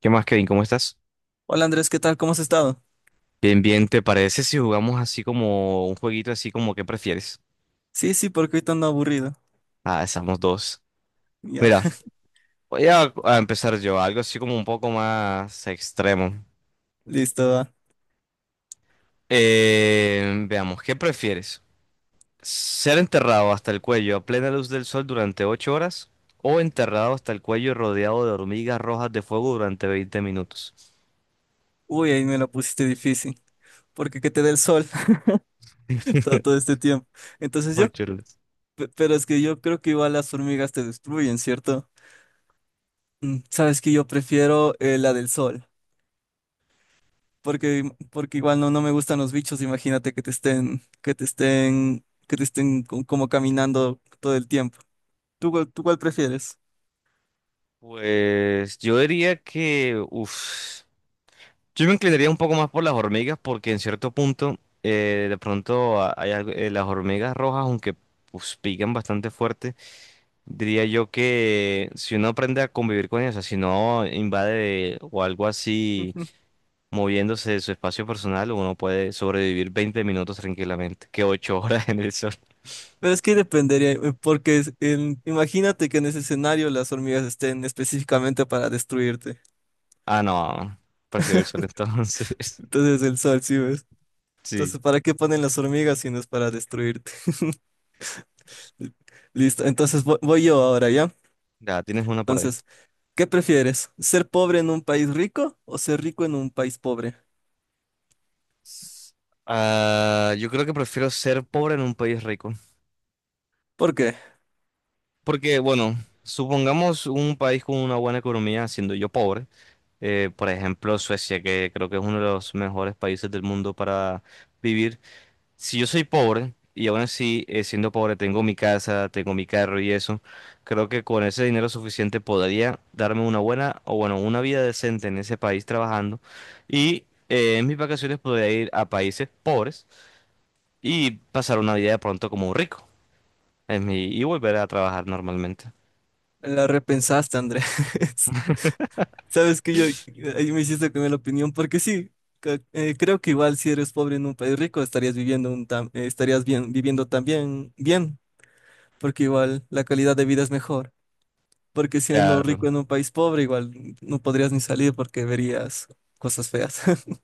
¿Qué más, Kevin? ¿Cómo estás? Hola Andrés, ¿qué tal? ¿Cómo has estado? Bien, bien, ¿te parece si jugamos así como un jueguito así como qué prefieres? Sí, sí, porque ahorita ando aburrido. Ah, estamos dos. Ya, Mira, voy a empezar yo, algo así como un poco más extremo. listo, va. Veamos, ¿qué prefieres? ¿Ser enterrado hasta el cuello a plena luz del sol durante 8 horas? ¿O enterrado hasta el cuello rodeado de hormigas rojas de fuego durante 20 minutos? Uy, ahí me la pusiste difícil. Porque que te dé el sol todo este tiempo. Entonces yo, 8 horas. pero es que yo creo que igual las hormigas te destruyen, ¿cierto? Mm, sabes que yo prefiero la del sol. Porque igual no me gustan los bichos. Imagínate que te estén como caminando todo el tiempo. ¿Tú, tú cuál prefieres? Pues yo diría que, uff. Yo me inclinaría un poco más por las hormigas porque en cierto punto de pronto las hormigas rojas, aunque pues, pican bastante fuerte, diría yo que si uno aprende a convivir con ellas, o sea, si no invade o algo así moviéndose de su espacio personal, uno puede sobrevivir 20 minutos tranquilamente, que 8 horas en el sol. Pero es que dependería, porque imagínate que en ese escenario las hormigas estén específicamente para destruirte. Ah, no, prefiero el sol entonces. Entonces el sol, ¿sí ves? Sí, Entonces, ¿para qué ponen las hormigas si no es para destruirte? Listo, entonces voy, yo ahora, ¿ya? ya tienes una por ahí. Entonces, ¿qué prefieres? ¿Ser pobre en un país rico o ser rico en un país pobre? Ah, yo creo que prefiero ser pobre en un país rico. ¿Por qué? Porque, bueno, supongamos un país con una buena economía, siendo yo pobre, por ejemplo Suecia, que creo que es uno de los mejores países del mundo para vivir. Si yo soy pobre y aún así, siendo pobre, tengo mi casa, tengo mi carro y eso, creo que con ese dinero suficiente podría darme una buena, o bueno, una vida decente en ese país trabajando y en mis vacaciones podría ir a países pobres y pasar una vida de pronto como un rico en mi, y volver a trabajar normalmente. La repensaste, Andrés. Sabes que yo, ahí me hiciste cambiar la opinión, porque sí, creo que igual si eres pobre en un país rico estarías viviendo un estarías bien, viviendo también bien, porque igual la calidad de vida es mejor, porque siendo rico Claro. en un país pobre igual no podrías ni salir porque verías cosas feas.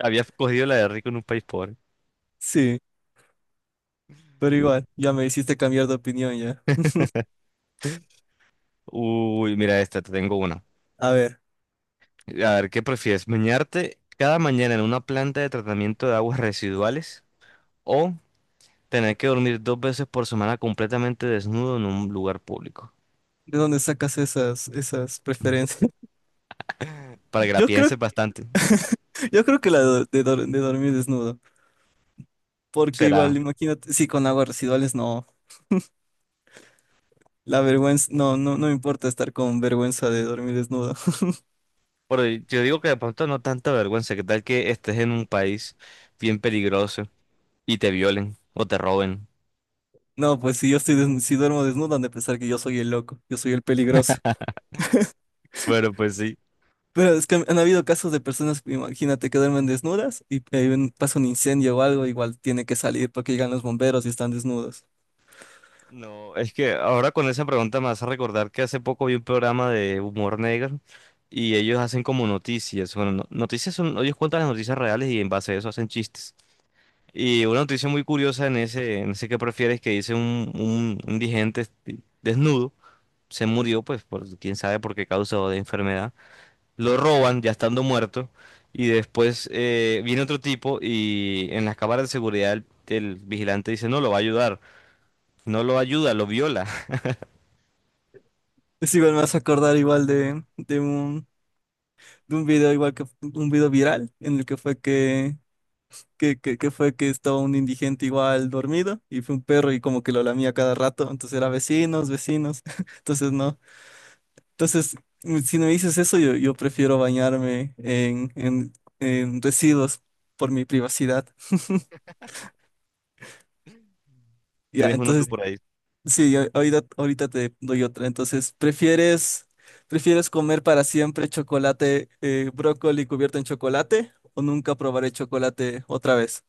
Había cogido la de rico en un país pobre. Sí, pero igual, ya me hiciste cambiar de opinión ya. Uy, mira esta, te tengo una. A ver, A ver, ¿qué prefieres? ¿Bañarte cada mañana en una planta de tratamiento de aguas residuales o tener que dormir dos veces por semana completamente desnudo en un lugar público? ¿de dónde sacas esas preferencias? Para que la Yo creo, pienses bastante, yo creo que la de, de dormir desnudo, porque será. igual, imagínate, sí, con aguas residuales no. La vergüenza, no me importa estar con vergüenza de dormir desnudo. Pero yo digo que de pronto no tanta vergüenza, ¿qué tal que estés en un país bien peligroso y te violen o te roben? No, pues si yo estoy si duermo desnudo, han de pensar que yo soy el loco, yo soy el peligroso. Bueno, pues sí. Pero es que han habido casos de personas, imagínate, que duermen desnudas y pasa un incendio o algo, igual tiene que salir porque llegan los bomberos y están desnudos. No, es que ahora con esa pregunta me hace recordar que hace poco vi un programa de humor negro y ellos hacen como noticias. Bueno, noticias son, ellos cuentan las noticias reales y en base a eso hacen chistes. Y una noticia muy curiosa en ese que prefieres que dice un indigente este, desnudo, se murió, pues por quién sabe por qué causa o de enfermedad. Lo roban ya estando muerto y después viene otro tipo y en las cámaras de seguridad el vigilante dice no, lo va a ayudar. No lo ayuda, lo viola. Es igual me vas a acordar igual de, de un video igual que un video viral en el que fue que, que fue que estaba un indigente igual dormido y fue un perro y como que lo lamía cada rato, entonces era vecinos. Entonces no. Entonces, mm, si no me dices eso, yo prefiero bañarme en residuos por mi privacidad. Ya, Tienes uno tú entonces, vale. por ahí. Sí, ahorita, ahorita te doy otra. Entonces, ¿prefieres comer para siempre chocolate, brócoli cubierto en chocolate o nunca probaré chocolate otra vez?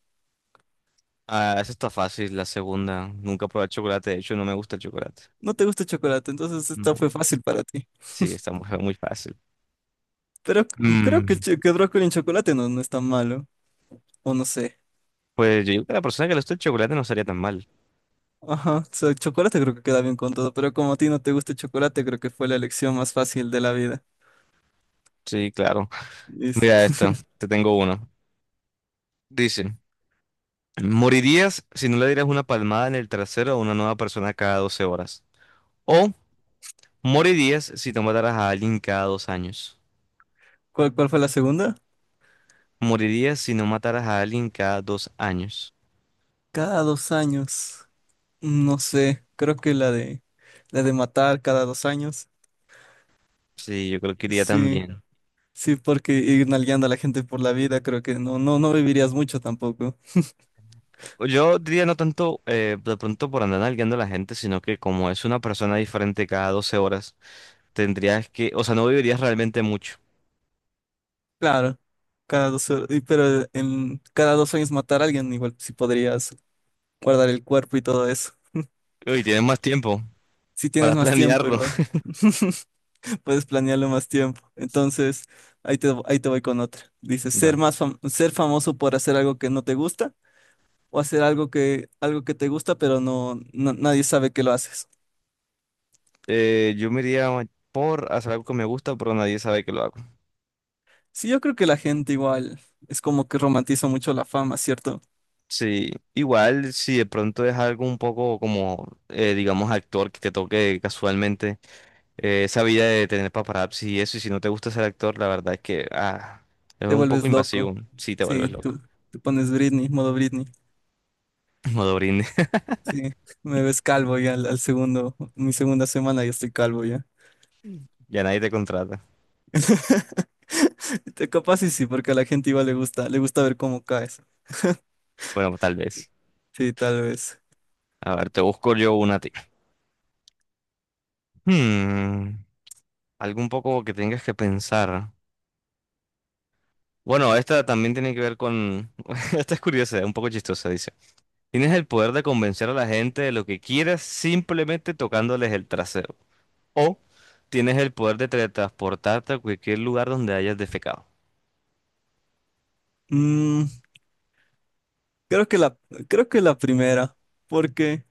Ah, esa está fácil, la segunda. Nunca probé el chocolate, de hecho no me gusta el chocolate. No te gusta el chocolate, entonces esta No. fue fácil para ti. Sí, está muy, muy fácil. Pero creo que, el Mm, cho- que brócoli en chocolate no, no es tan malo, o no sé. pues yo digo que a la persona que le gusta el chocolate no estaría tan mal. Ajá, so, chocolate creo que queda bien con todo, pero como a ti no te gusta el chocolate, creo que fue la elección más fácil de la vida. Sí, claro. Listo. Mira esta, te tengo uno. Dice, morirías si no le dieras una palmada en el trasero a una nueva persona cada 12 horas. O morirías si no mataras a alguien cada 2 años. ¿Cuál, cuál fue la segunda? Morirías si no mataras a alguien cada dos años. Cada dos años. No sé, creo que la de matar cada dos años. Sí, yo creo que iría Sí, también. sí, porque ir nalgueando a la gente por la vida, creo que no vivirías mucho tampoco. Yo diría no tanto de pronto por andar nalgueando a la gente, sino que como es una persona diferente cada 12 horas, tendrías que, o sea, no vivirías realmente mucho. Claro, cada dos, pero en cada dos años matar a alguien, igual si podrías guardar el cuerpo y todo eso. Y tienes más tiempo Si tienes para más tiempo, planearlo. igual. Puedes planearlo más tiempo. Entonces, ahí te voy con otra. Dice, ser Va. más ser famoso por hacer algo que no te gusta o hacer algo algo que te gusta, pero nadie sabe que lo haces. Yo me iría por hacer algo que me gusta, pero nadie sabe que lo hago. Sí, yo creo que la gente igual es como que romantiza mucho la fama, ¿cierto? Sí, igual si de pronto es algo un poco como, digamos, actor que te toque casualmente, esa vida de tener paparazzi y eso, y si no te gusta ser actor, la verdad es que es Te un poco vuelves loco. invasivo si te vuelves Sí, tú, loco. tú pones Britney, modo Britney. Modo. Sí, me ves calvo ya al segundo, mi segunda semana ya estoy calvo ya. Ya nadie te contrata. Te capaz y sí, porque a la gente igual le gusta ver cómo caes. Bueno, tal vez. Sí, tal vez. A ver, te busco yo una a ti. Hmm, Algo un poco que tengas que pensar. Bueno, esta también tiene que ver con. Esta es curiosa, un poco chistosa, dice. Tienes el poder de convencer a la gente de lo que quieras simplemente tocándoles el trasero. O tienes el poder de teletransportarte a cualquier lugar donde hayas defecado. Mm, creo que la, creo que la primera, porque,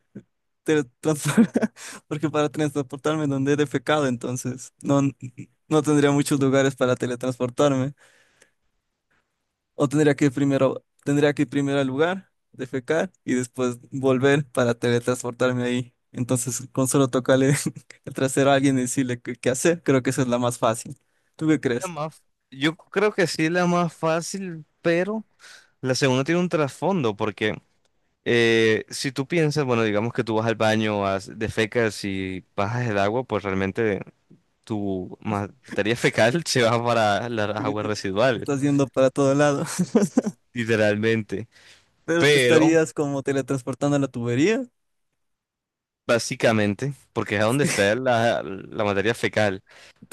te porque para teletransportarme donde he defecado, entonces no, no tendría muchos lugares para teletransportarme. O tendría que ir primero, tendría que ir primero al lugar, defecar y después volver para teletransportarme ahí. Entonces, con solo tocarle el trasero a alguien y decirle qué, qué hacer, creo que esa es la más fácil. ¿Tú qué La crees? más- Yo creo que sí es la más fácil, pero la segunda tiene un trasfondo porque. Si tú piensas, bueno, digamos que tú vas al baño, defecas y bajas el agua, pues realmente tu materia fecal se va para las aguas residuales, Estás yendo para todo lado, literalmente. pero te Pero, estarías como teletransportando a la tubería. básicamente, porque es a donde está la materia fecal.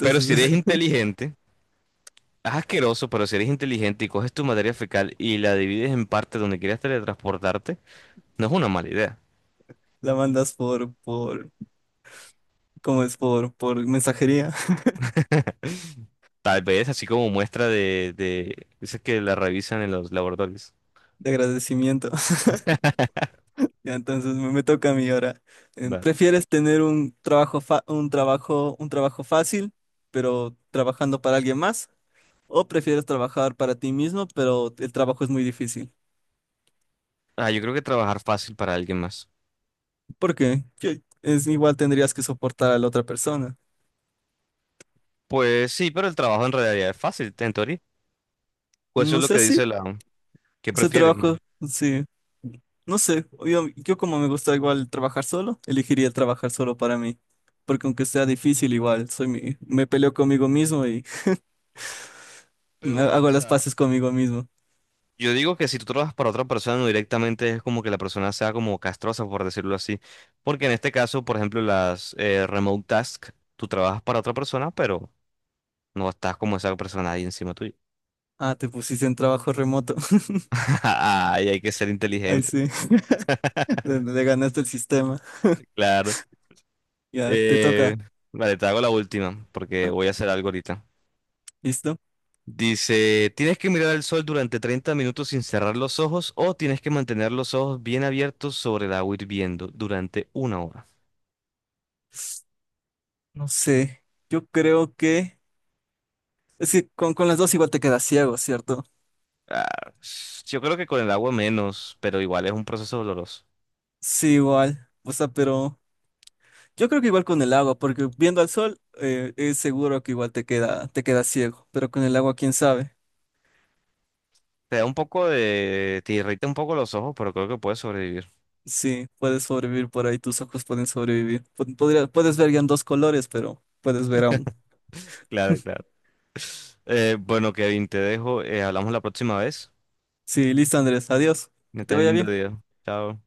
Pero si eres inteligente, es asqueroso, pero si eres inteligente y coges tu materia fecal y la divides en partes donde quieras teletransportarte, no es una mala idea. la mandas por, ¿cómo es? Por mensajería Tal vez así como muestra de. Dices que la revisan en los laboratorios. de agradecimiento. Ya, entonces me toca a mí ahora. Em, Va. ¿prefieres tener un trabajo, un trabajo fácil, pero trabajando para alguien más? ¿O prefieres trabajar para ti mismo, pero el trabajo es muy difícil? Ah, yo creo que trabajar fácil para alguien más. Porque es igual tendrías que soportar a la otra persona. Pues sí, pero el trabajo en realidad es fácil, en teoría. Pues eso No es lo sé que si dice la. ¿Qué ese prefieres? trabajo, ¿no? sí. No sé, yo como me gusta igual trabajar solo, elegiría trabajar solo para mí, porque aunque sea difícil igual, soy mi, me peleo conmigo mismo y me Pero, o hago las sea, paces conmigo mismo. yo digo que si tú trabajas para otra persona no directamente es como que la persona sea como castrosa, por decirlo así. Porque en este caso, por ejemplo, las remote tasks, tú trabajas para otra persona, pero no estás como esa persona ahí encima tuyo. Ah, te pusiste en trabajo remoto. Ay, hay que ser Ahí inteligente, sí, le ganaste el sistema. claro. Ya, te toca. Eh, vale, te hago la última, porque voy a hacer algo ahorita. ¿Listo? Dice, ¿tienes que mirar al sol durante 30 minutos sin cerrar los ojos o tienes que mantener los ojos bien abiertos sobre el agua hirviendo durante 1 hora? No sé, yo creo que... Es que con las dos igual te quedas ciego, ¿cierto? Ah, yo creo que con el agua menos, pero igual es un proceso doloroso. Sí, igual. O sea, pero yo creo que igual con el agua, porque viendo al sol es seguro que igual te queda ciego, pero con el agua, quién sabe. Te da un poco de. Te irrita un poco los ojos, pero creo que puedes sobrevivir. Sí, puedes sobrevivir por ahí, tus ojos pueden sobrevivir. Puedes ver ya en dos colores, pero puedes ver aún. Claro, claro. Bueno, Kevin, te dejo. Hablamos la próxima vez. Sí, listo, Andrés, adiós. Me Que te ten vaya lindo bien. día. Chao.